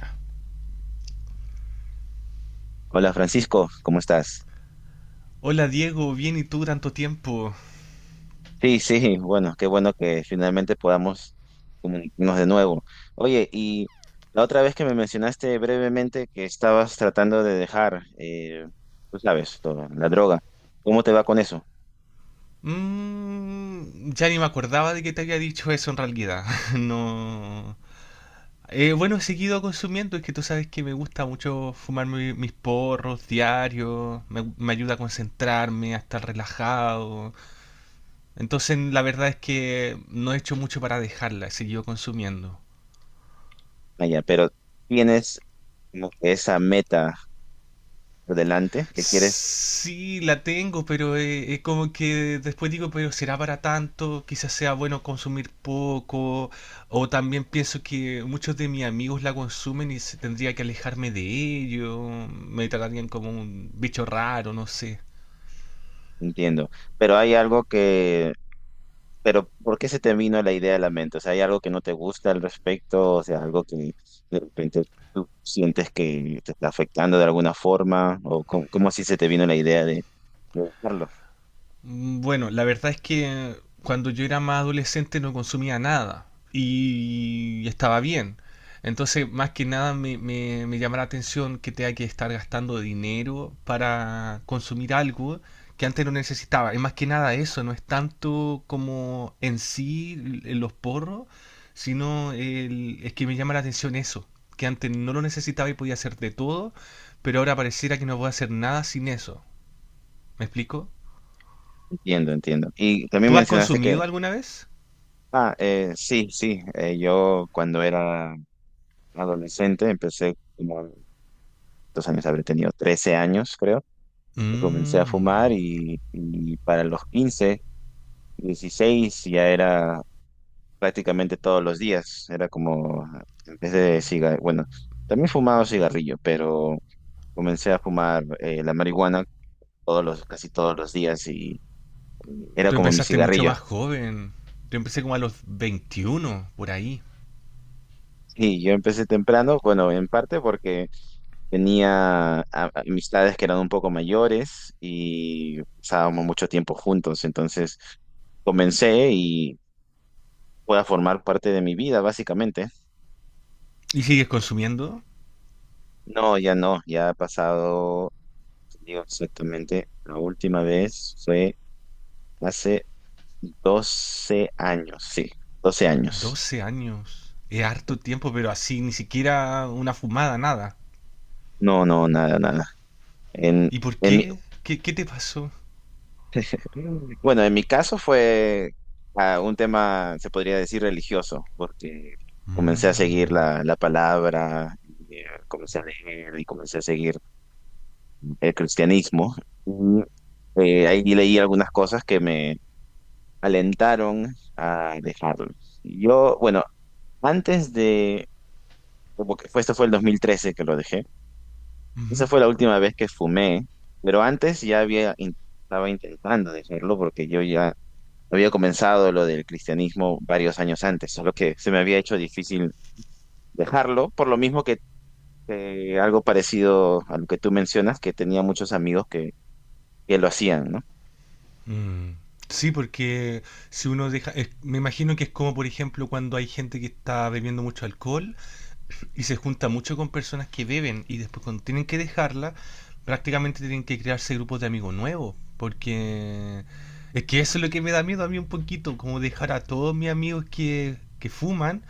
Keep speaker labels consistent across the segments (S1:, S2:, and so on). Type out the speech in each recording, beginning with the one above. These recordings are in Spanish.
S1: Ya.
S2: Hola Francisco, ¿cómo estás?
S1: Hola Diego, bien y tú tanto tiempo.
S2: Sí, sí, bueno, qué bueno que finalmente podamos comunicarnos de nuevo. Oye, y la otra vez que me mencionaste brevemente que estabas tratando de dejar, tú sabes, todo, la droga, ¿cómo te va con eso?
S1: Ya ni me acordaba de que te había dicho eso en realidad. No. Bueno, he seguido consumiendo, es que tú sabes que me gusta mucho fumar mi- mis porros diarios, me ayuda a concentrarme, a estar relajado. Entonces, la verdad es que no he hecho mucho para dejarla, he seguido consumiendo.
S2: Ah, ya, pero tienes como que esa meta por delante que quieres,
S1: Sí, la tengo, pero es como que después digo, pero será para tanto, quizás sea bueno consumir poco, o también pienso que muchos de mis amigos la consumen y se- tendría que alejarme de ello, me tratarían como un bicho raro, no sé.
S2: entiendo, pero hay algo que pero, ¿por qué se te vino la idea a la mente? O sea, ¿hay algo que no te gusta al respecto? O sea, algo que de repente tú sientes que te está afectando de alguna forma, o cómo, cómo así se te vino la idea de hacerlo?
S1: Bueno, la verdad es que cuando yo era más adolescente no consumía nada y estaba bien. Entonces, más que nada me llama la atención que tenga que estar gastando dinero para consumir algo que antes no necesitaba. Es más que nada eso, no es tanto como en sí l- los porros, sino el- es que me llama la atención eso, que antes no lo necesitaba y podía hacer de todo, pero ahora pareciera que no puedo hacer nada sin eso. ¿Me explico?
S2: Entiendo, entiendo. Y también
S1: ¿Tú has
S2: mencionaste que,
S1: consumido alguna vez?
S2: ah, sí, sí, yo cuando era adolescente empecé como, dos años habré tenido 13 años, creo, y comencé a fumar
S1: Mm.
S2: y para los 15 16 ya era prácticamente todos los días. Era como, en vez de cigarrillo, bueno, también fumaba cigarrillo, pero comencé a fumar la marihuana todos los, casi todos los días y era
S1: Tú
S2: como mi
S1: empezaste mucho
S2: cigarrillo.
S1: más joven. Yo empecé como a los 21, por ahí.
S2: Y yo empecé temprano, bueno, en parte porque tenía amistades que eran un poco mayores y pasábamos mucho tiempo juntos, entonces comencé y fue a formar parte de mi vida, básicamente.
S1: ¿Y sigues consumiendo?
S2: No, ya no, ya ha pasado. Digo exactamente, la última vez fue hace 12 años, sí, 12 años.
S1: 12 años. Es harto tiempo, pero así, ni siquiera una fumada, nada.
S2: No, no, nada, nada. En,
S1: ¿Y por
S2: en mi,
S1: qué? ¿Qué, qué te pasó?
S2: bueno, en mi caso fue ah, un tema, se podría decir, religioso, porque comencé a seguir
S1: Mm.
S2: la, la palabra, y, comencé a leer y comencé a seguir el cristianismo. Y, ahí leí algunas cosas que me alentaron a dejarlo. Yo, bueno, antes de como que fue, este fue el 2013 que lo dejé. Esa
S1: Ujú.
S2: fue la última vez que fumé, pero antes ya había, estaba intentando dejarlo porque yo ya había comenzado lo del cristianismo varios años antes, solo que se me había hecho difícil dejarlo, por lo mismo que algo parecido a lo que tú mencionas, que tenía muchos amigos que lo hacían, ¿no?
S1: Mm. Sí, porque si uno deja, me imagino que es como, por ejemplo, cuando hay gente que está bebiendo mucho alcohol y se junta mucho con personas que beben y después cuando tienen que dejarla, prácticamente tienen que crearse grupos de amigos nuevos, porque es que eso es lo que me da miedo a mí un poquito, como dejar a todos mis amigos que fuman,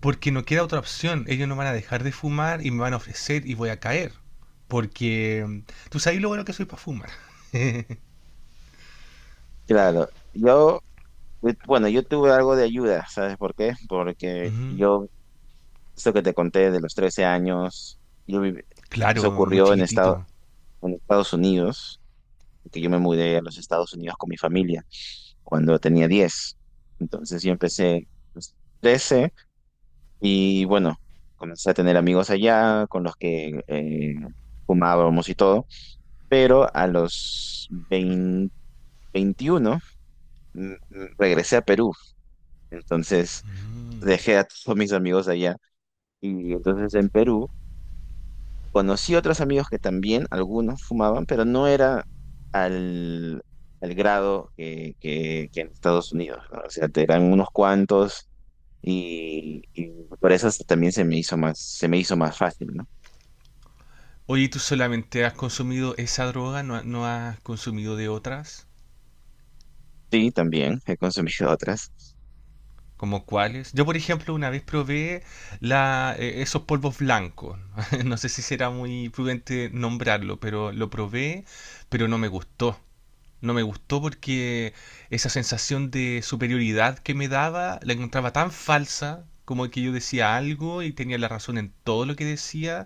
S1: porque no queda otra opción, ellos no van a dejar de fumar y me van a ofrecer y voy a caer, porque tú sabes lo bueno que soy para fumar.
S2: Claro, yo, bueno, yo tuve algo de ayuda, ¿sabes por qué? Porque
S1: Ujú.
S2: yo, esto que te conté de los 13 años, yo viví- eso
S1: Claro, muy
S2: ocurrió
S1: chiquitito.
S2: en Estados Unidos, que yo me mudé a los Estados Unidos con mi familia cuando tenía diez. Entonces yo empecé a los 13 y bueno, comencé a tener amigos allá con los que fumábamos y todo, pero a los 20 21 regresé a Perú, entonces
S1: Ujú.
S2: dejé a todos mis amigos allá y entonces en Perú conocí otros amigos que también, algunos fumaban, pero no era al, al grado que, que en Estados Unidos, ¿no? O sea, te eran unos cuantos y por eso también se me hizo más, se me hizo más fácil, ¿no?
S1: Oye, ¿tú solamente has consumido esa droga? ¿No, no has consumido de otras?
S2: Sí, también he consumido otras.
S1: ¿Como cuáles? Yo, por ejemplo, una vez probé esos polvos blancos. No sé si será muy prudente nombrarlo, pero lo probé, pero no me gustó. No me gustó porque esa sensación de superioridad que me daba la encontraba tan falsa, como que yo decía algo y tenía la razón en todo lo que decía.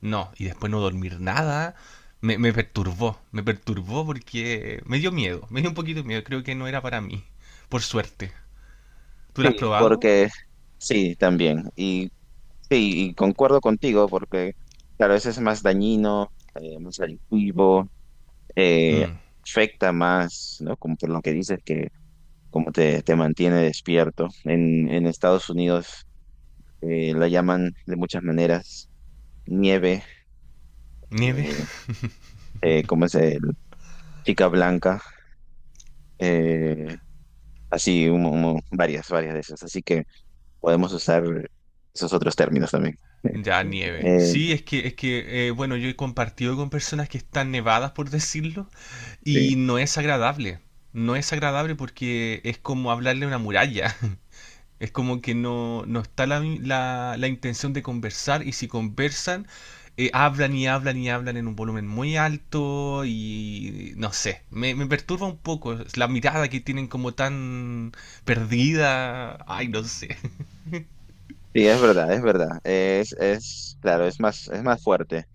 S1: No, y después no dormir nada. Me perturbó porque me dio miedo, me dio un poquito de miedo, creo que no era para mí, por suerte. ¿Tú lo has
S2: Sí,
S1: probado?
S2: porque sí, también. Y sí, y concuerdo contigo porque, claro, eso es más dañino, más adictivo, eh,
S1: Mm.
S2: afecta más, ¿no? Como por lo que dices que como te mantiene despierto. En Estados Unidos la llaman de muchas maneras nieve,
S1: ¿Nieve?
S2: eh, ¿cómo es? Chica blanca, eh, así, varias, varias de esas. Así que podemos usar esos otros términos también.
S1: Ya, nieve.
S2: Eh,
S1: Sí, es que bueno, yo he compartido con personas que están nevadas, por decirlo, y
S2: sí.
S1: no es agradable. No es agradable porque es como hablarle a una muralla. Es como que no, no está la intención de conversar y si conversan, hablan y hablan y hablan en un volumen muy alto y no sé, me perturba un poco es la mirada que tienen como tan perdida. Ay, no sé.
S2: Sí, es verdad, es verdad. Es, claro, es más fuerte.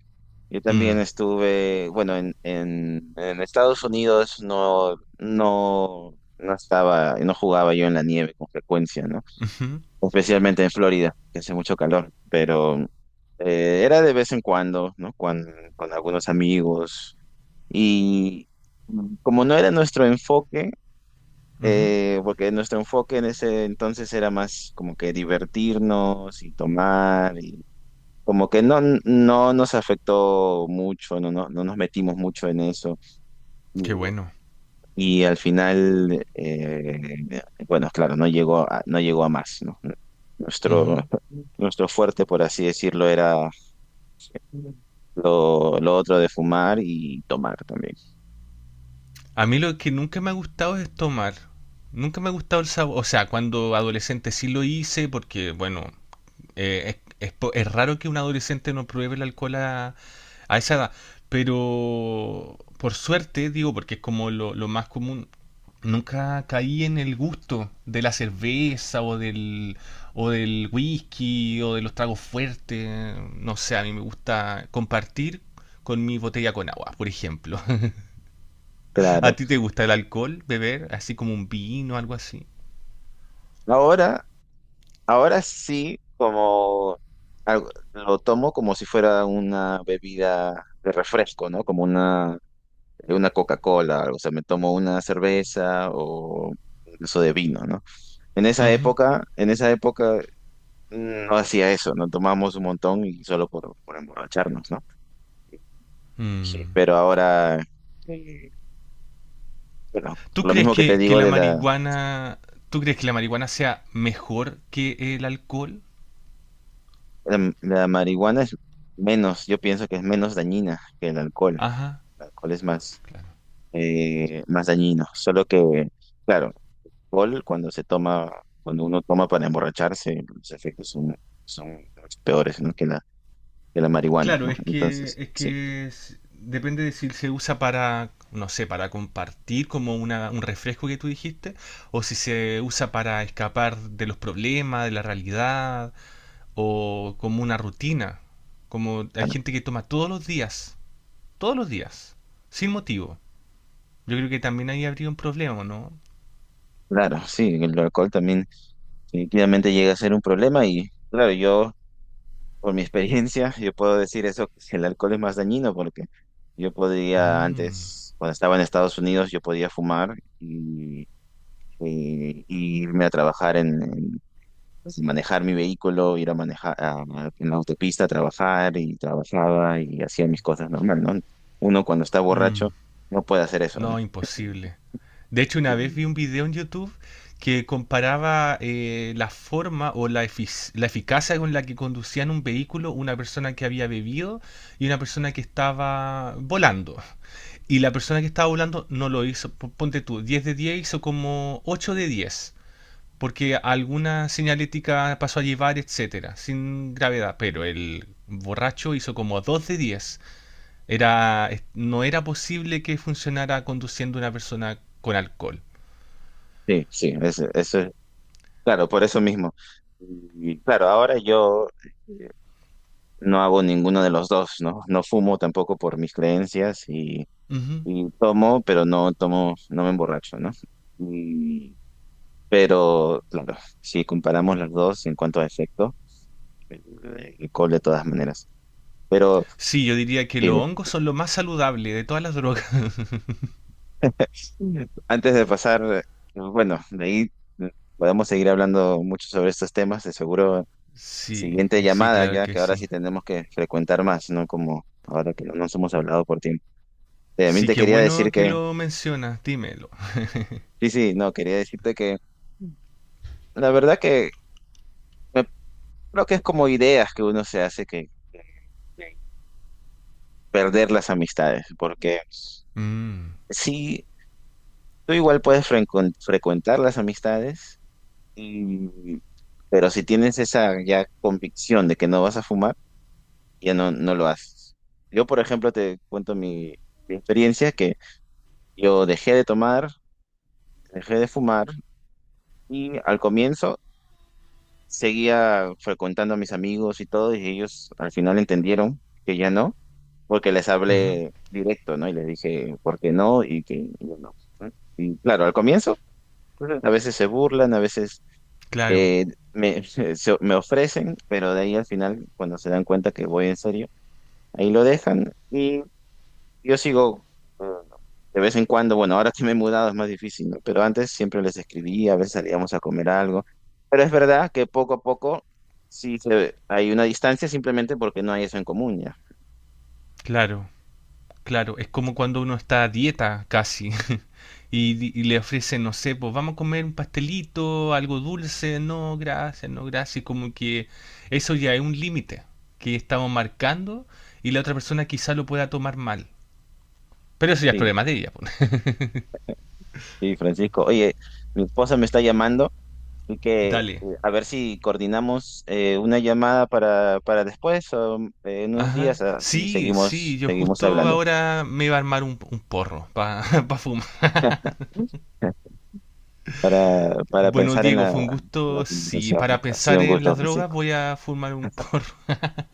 S2: Yo también
S1: Mm,
S2: estuve, bueno, en Estados Unidos no, no, no estaba, no jugaba yo en la nieve con frecuencia, ¿no?
S1: ujú,
S2: Especialmente en Florida, que hace mucho calor, pero era de vez en cuando, ¿no? Con algunos amigos. Y como no era nuestro enfoque,
S1: ujú.
S2: porque nuestro enfoque en ese entonces era más como que divertirnos y tomar, como que no, no nos afectó mucho, no, no, no nos metimos mucho en eso. Y
S1: Qué bueno.
S2: al final, bueno, claro, no llegó a, no llegó a más, ¿no? Nuestro,
S1: Ujú.
S2: nuestro fuerte, por así decirlo, era lo otro de fumar y tomar también.
S1: A mí lo que nunca me ha gustado es tomar. Nunca me ha gustado el sabor. O sea, cuando adolescente sí lo hice porque, bueno, es raro que un adolescente no pruebe el alcohol a esa edad. Pero por suerte, digo, porque es como lo más común, nunca caí en el gusto de la cerveza o del whisky o de los tragos fuertes. No sé, a mí me gusta compartir con mi botella con agua, por ejemplo. ¿A
S2: Claro.
S1: ti te gusta el alcohol, beber? Así como un vino, algo así.
S2: Ahora, ahora sí, como algo- lo tomo como si fuera una bebida de refresco, ¿no? Como una Coca-Cola, o sea, me tomo una cerveza o eso de vino, ¿no?
S1: Ujú.
S2: En esa época no hacía eso, no tomábamos un montón y solo por emborracharnos, ¿no? Sí.
S1: Mm.
S2: Pero ahora, eh, bueno,
S1: ¿Tú
S2: lo
S1: crees
S2: mismo que te
S1: que, que
S2: digo
S1: la
S2: de la,
S1: marihuana, tú crees que la marihuana sea mejor que el alcohol?
S2: la, la marihuana es menos, yo pienso que es menos dañina que el alcohol.
S1: Ajá.
S2: El alcohol es más,
S1: Claro.
S2: más dañino, solo que, claro, alcohol, cuando se toma, cuando uno toma para emborracharse, los efectos son, son mucho peores, ¿no? Que la, que la marihuana,
S1: Claro,
S2: ¿no?
S1: es que,
S2: Entonces,
S1: es
S2: sí,
S1: que es- depende de si se usa para, no sé, para compartir como una, un refresco que tú dijiste, o si se usa para escapar de los problemas, de la realidad, o como una rutina. Como hay
S2: claro,
S1: gente que toma todos los días. Todos los días, sin motivo. Yo creo que también ahí habría un problema, ¿no?
S2: claro, sí, el alcohol también definitivamente llega a ser un problema y, claro, yo, por mi experiencia, yo puedo decir eso, que el alcohol es más dañino porque yo podría
S1: Mm,
S2: antes, cuando estaba en Estados Unidos, yo podía fumar y, y irme a trabajar en, entonces, manejar mi vehículo, ir a manejar en la autopista, trabajar y trabajaba y hacía mis cosas normal, ¿no? Uno cuando está
S1: mm,
S2: borracho no puede hacer eso, ¿no?
S1: no, imposible. De hecho, una vez
S2: Y-
S1: vi un video en YouTube que comparaba la forma o la eficacia con la que conducían un vehículo una persona que había bebido y una persona que estaba volando. Y la persona que estaba volando no lo hizo, ponte tú, 10 de 10 hizo como 8 de 10, porque alguna señalética pasó a llevar, etcétera, sin gravedad, pero el borracho hizo como 2 de 10. Era, no era posible que funcionara conduciendo una persona con alcohol.
S2: sí, sí, eso es, claro, por eso mismo. Y claro, ahora yo no hago ninguno de los dos, ¿no? No fumo tampoco por mis creencias
S1: Ujú.
S2: y tomo, pero no tomo, no me emborracho, ¿no? Y- pero, claro, si comparamos las dos en cuanto a efecto, eh, el alcohol de todas maneras. Pero
S1: Sí, yo diría que
S2: sí.
S1: los hongos son lo más saludable de todas las drogas.
S2: Antes de pasar, bueno, de ahí mm, podemos seguir hablando mucho sobre estos temas, de seguro
S1: Sí,
S2: siguiente
S1: sí,
S2: llamada
S1: claro
S2: ya,
S1: que
S2: que ahora
S1: sí.
S2: sí tenemos que frecuentar más, ¿no? Como ahora que no nos hemos hablado por tiempo. También
S1: Sí,
S2: te
S1: qué
S2: quería decir
S1: bueno que
S2: que,
S1: lo mencionas, dímelo.
S2: sí, sí, no, quería decirte que la verdad que me- creo que es como ideas que uno se hace que perder las amistades, porque
S1: Mm,
S2: sí, tú igual puedes frecuentar las amistades Y- pero si tienes esa ya convicción de que no vas a fumar, ya no, no lo haces. Yo, por ejemplo, te cuento mi, mi experiencia, que yo dejé de tomar, dejé de fumar y al comienzo seguía frecuentando a mis amigos y todo, y ellos al final entendieron que ya no, porque les
S1: ujú.
S2: hablé directo, ¿no? Y les dije por qué no y que yo no. ¿No? Y claro, al comienzo, pues, a veces se burlan, a veces
S1: Claro,
S2: Eh, me, me ofrecen, pero de ahí al final, cuando se dan cuenta que voy en serio, ahí lo dejan y yo sigo eh, de vez en cuando, bueno, ahora que me he mudado es más difícil, ¿no? Pero antes siempre les escribía, a veces salíamos a comer algo, pero es verdad que poco a poco sí se, hay una distancia simplemente porque no hay eso en común ya.
S1: claro, claro. Es como cuando uno está a dieta, casi. Y, di- y le ofrecen, no sé, pues vamos a comer un pastelito, algo dulce, no, gracias, no, gracias. Y como que eso ya es un límite que estamos marcando y la otra persona quizá lo pueda tomar mal. Pero eso ya es
S2: Sí,
S1: problema de ella, pues.
S2: sí, Francisco. Oye, mi esposa me está llamando. Así que
S1: Dale.
S2: a ver si coordinamos una llamada para después o en unos
S1: Ajá.
S2: días, así
S1: Sí, sí,
S2: seguimos,
S1: yo
S2: seguimos
S1: justo
S2: hablando.
S1: ahora me iba a armar un porro para fumar.
S2: Para
S1: Bueno,
S2: pensar en
S1: Diego,
S2: la,
S1: fue un
S2: la
S1: gusto. Sí,
S2: conversación.
S1: para
S2: Ha sido
S1: pensar
S2: un
S1: en
S2: gusto,
S1: las drogas
S2: Francisco.
S1: voy a fumar un porro.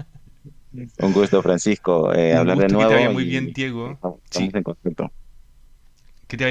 S2: Un gusto, Francisco,
S1: Un
S2: hablar de
S1: gusto que te vaya
S2: nuevo
S1: muy
S2: y
S1: bien,
S2: eh,
S1: Diego.
S2: estamos
S1: Sí,
S2: en contacto.
S1: que te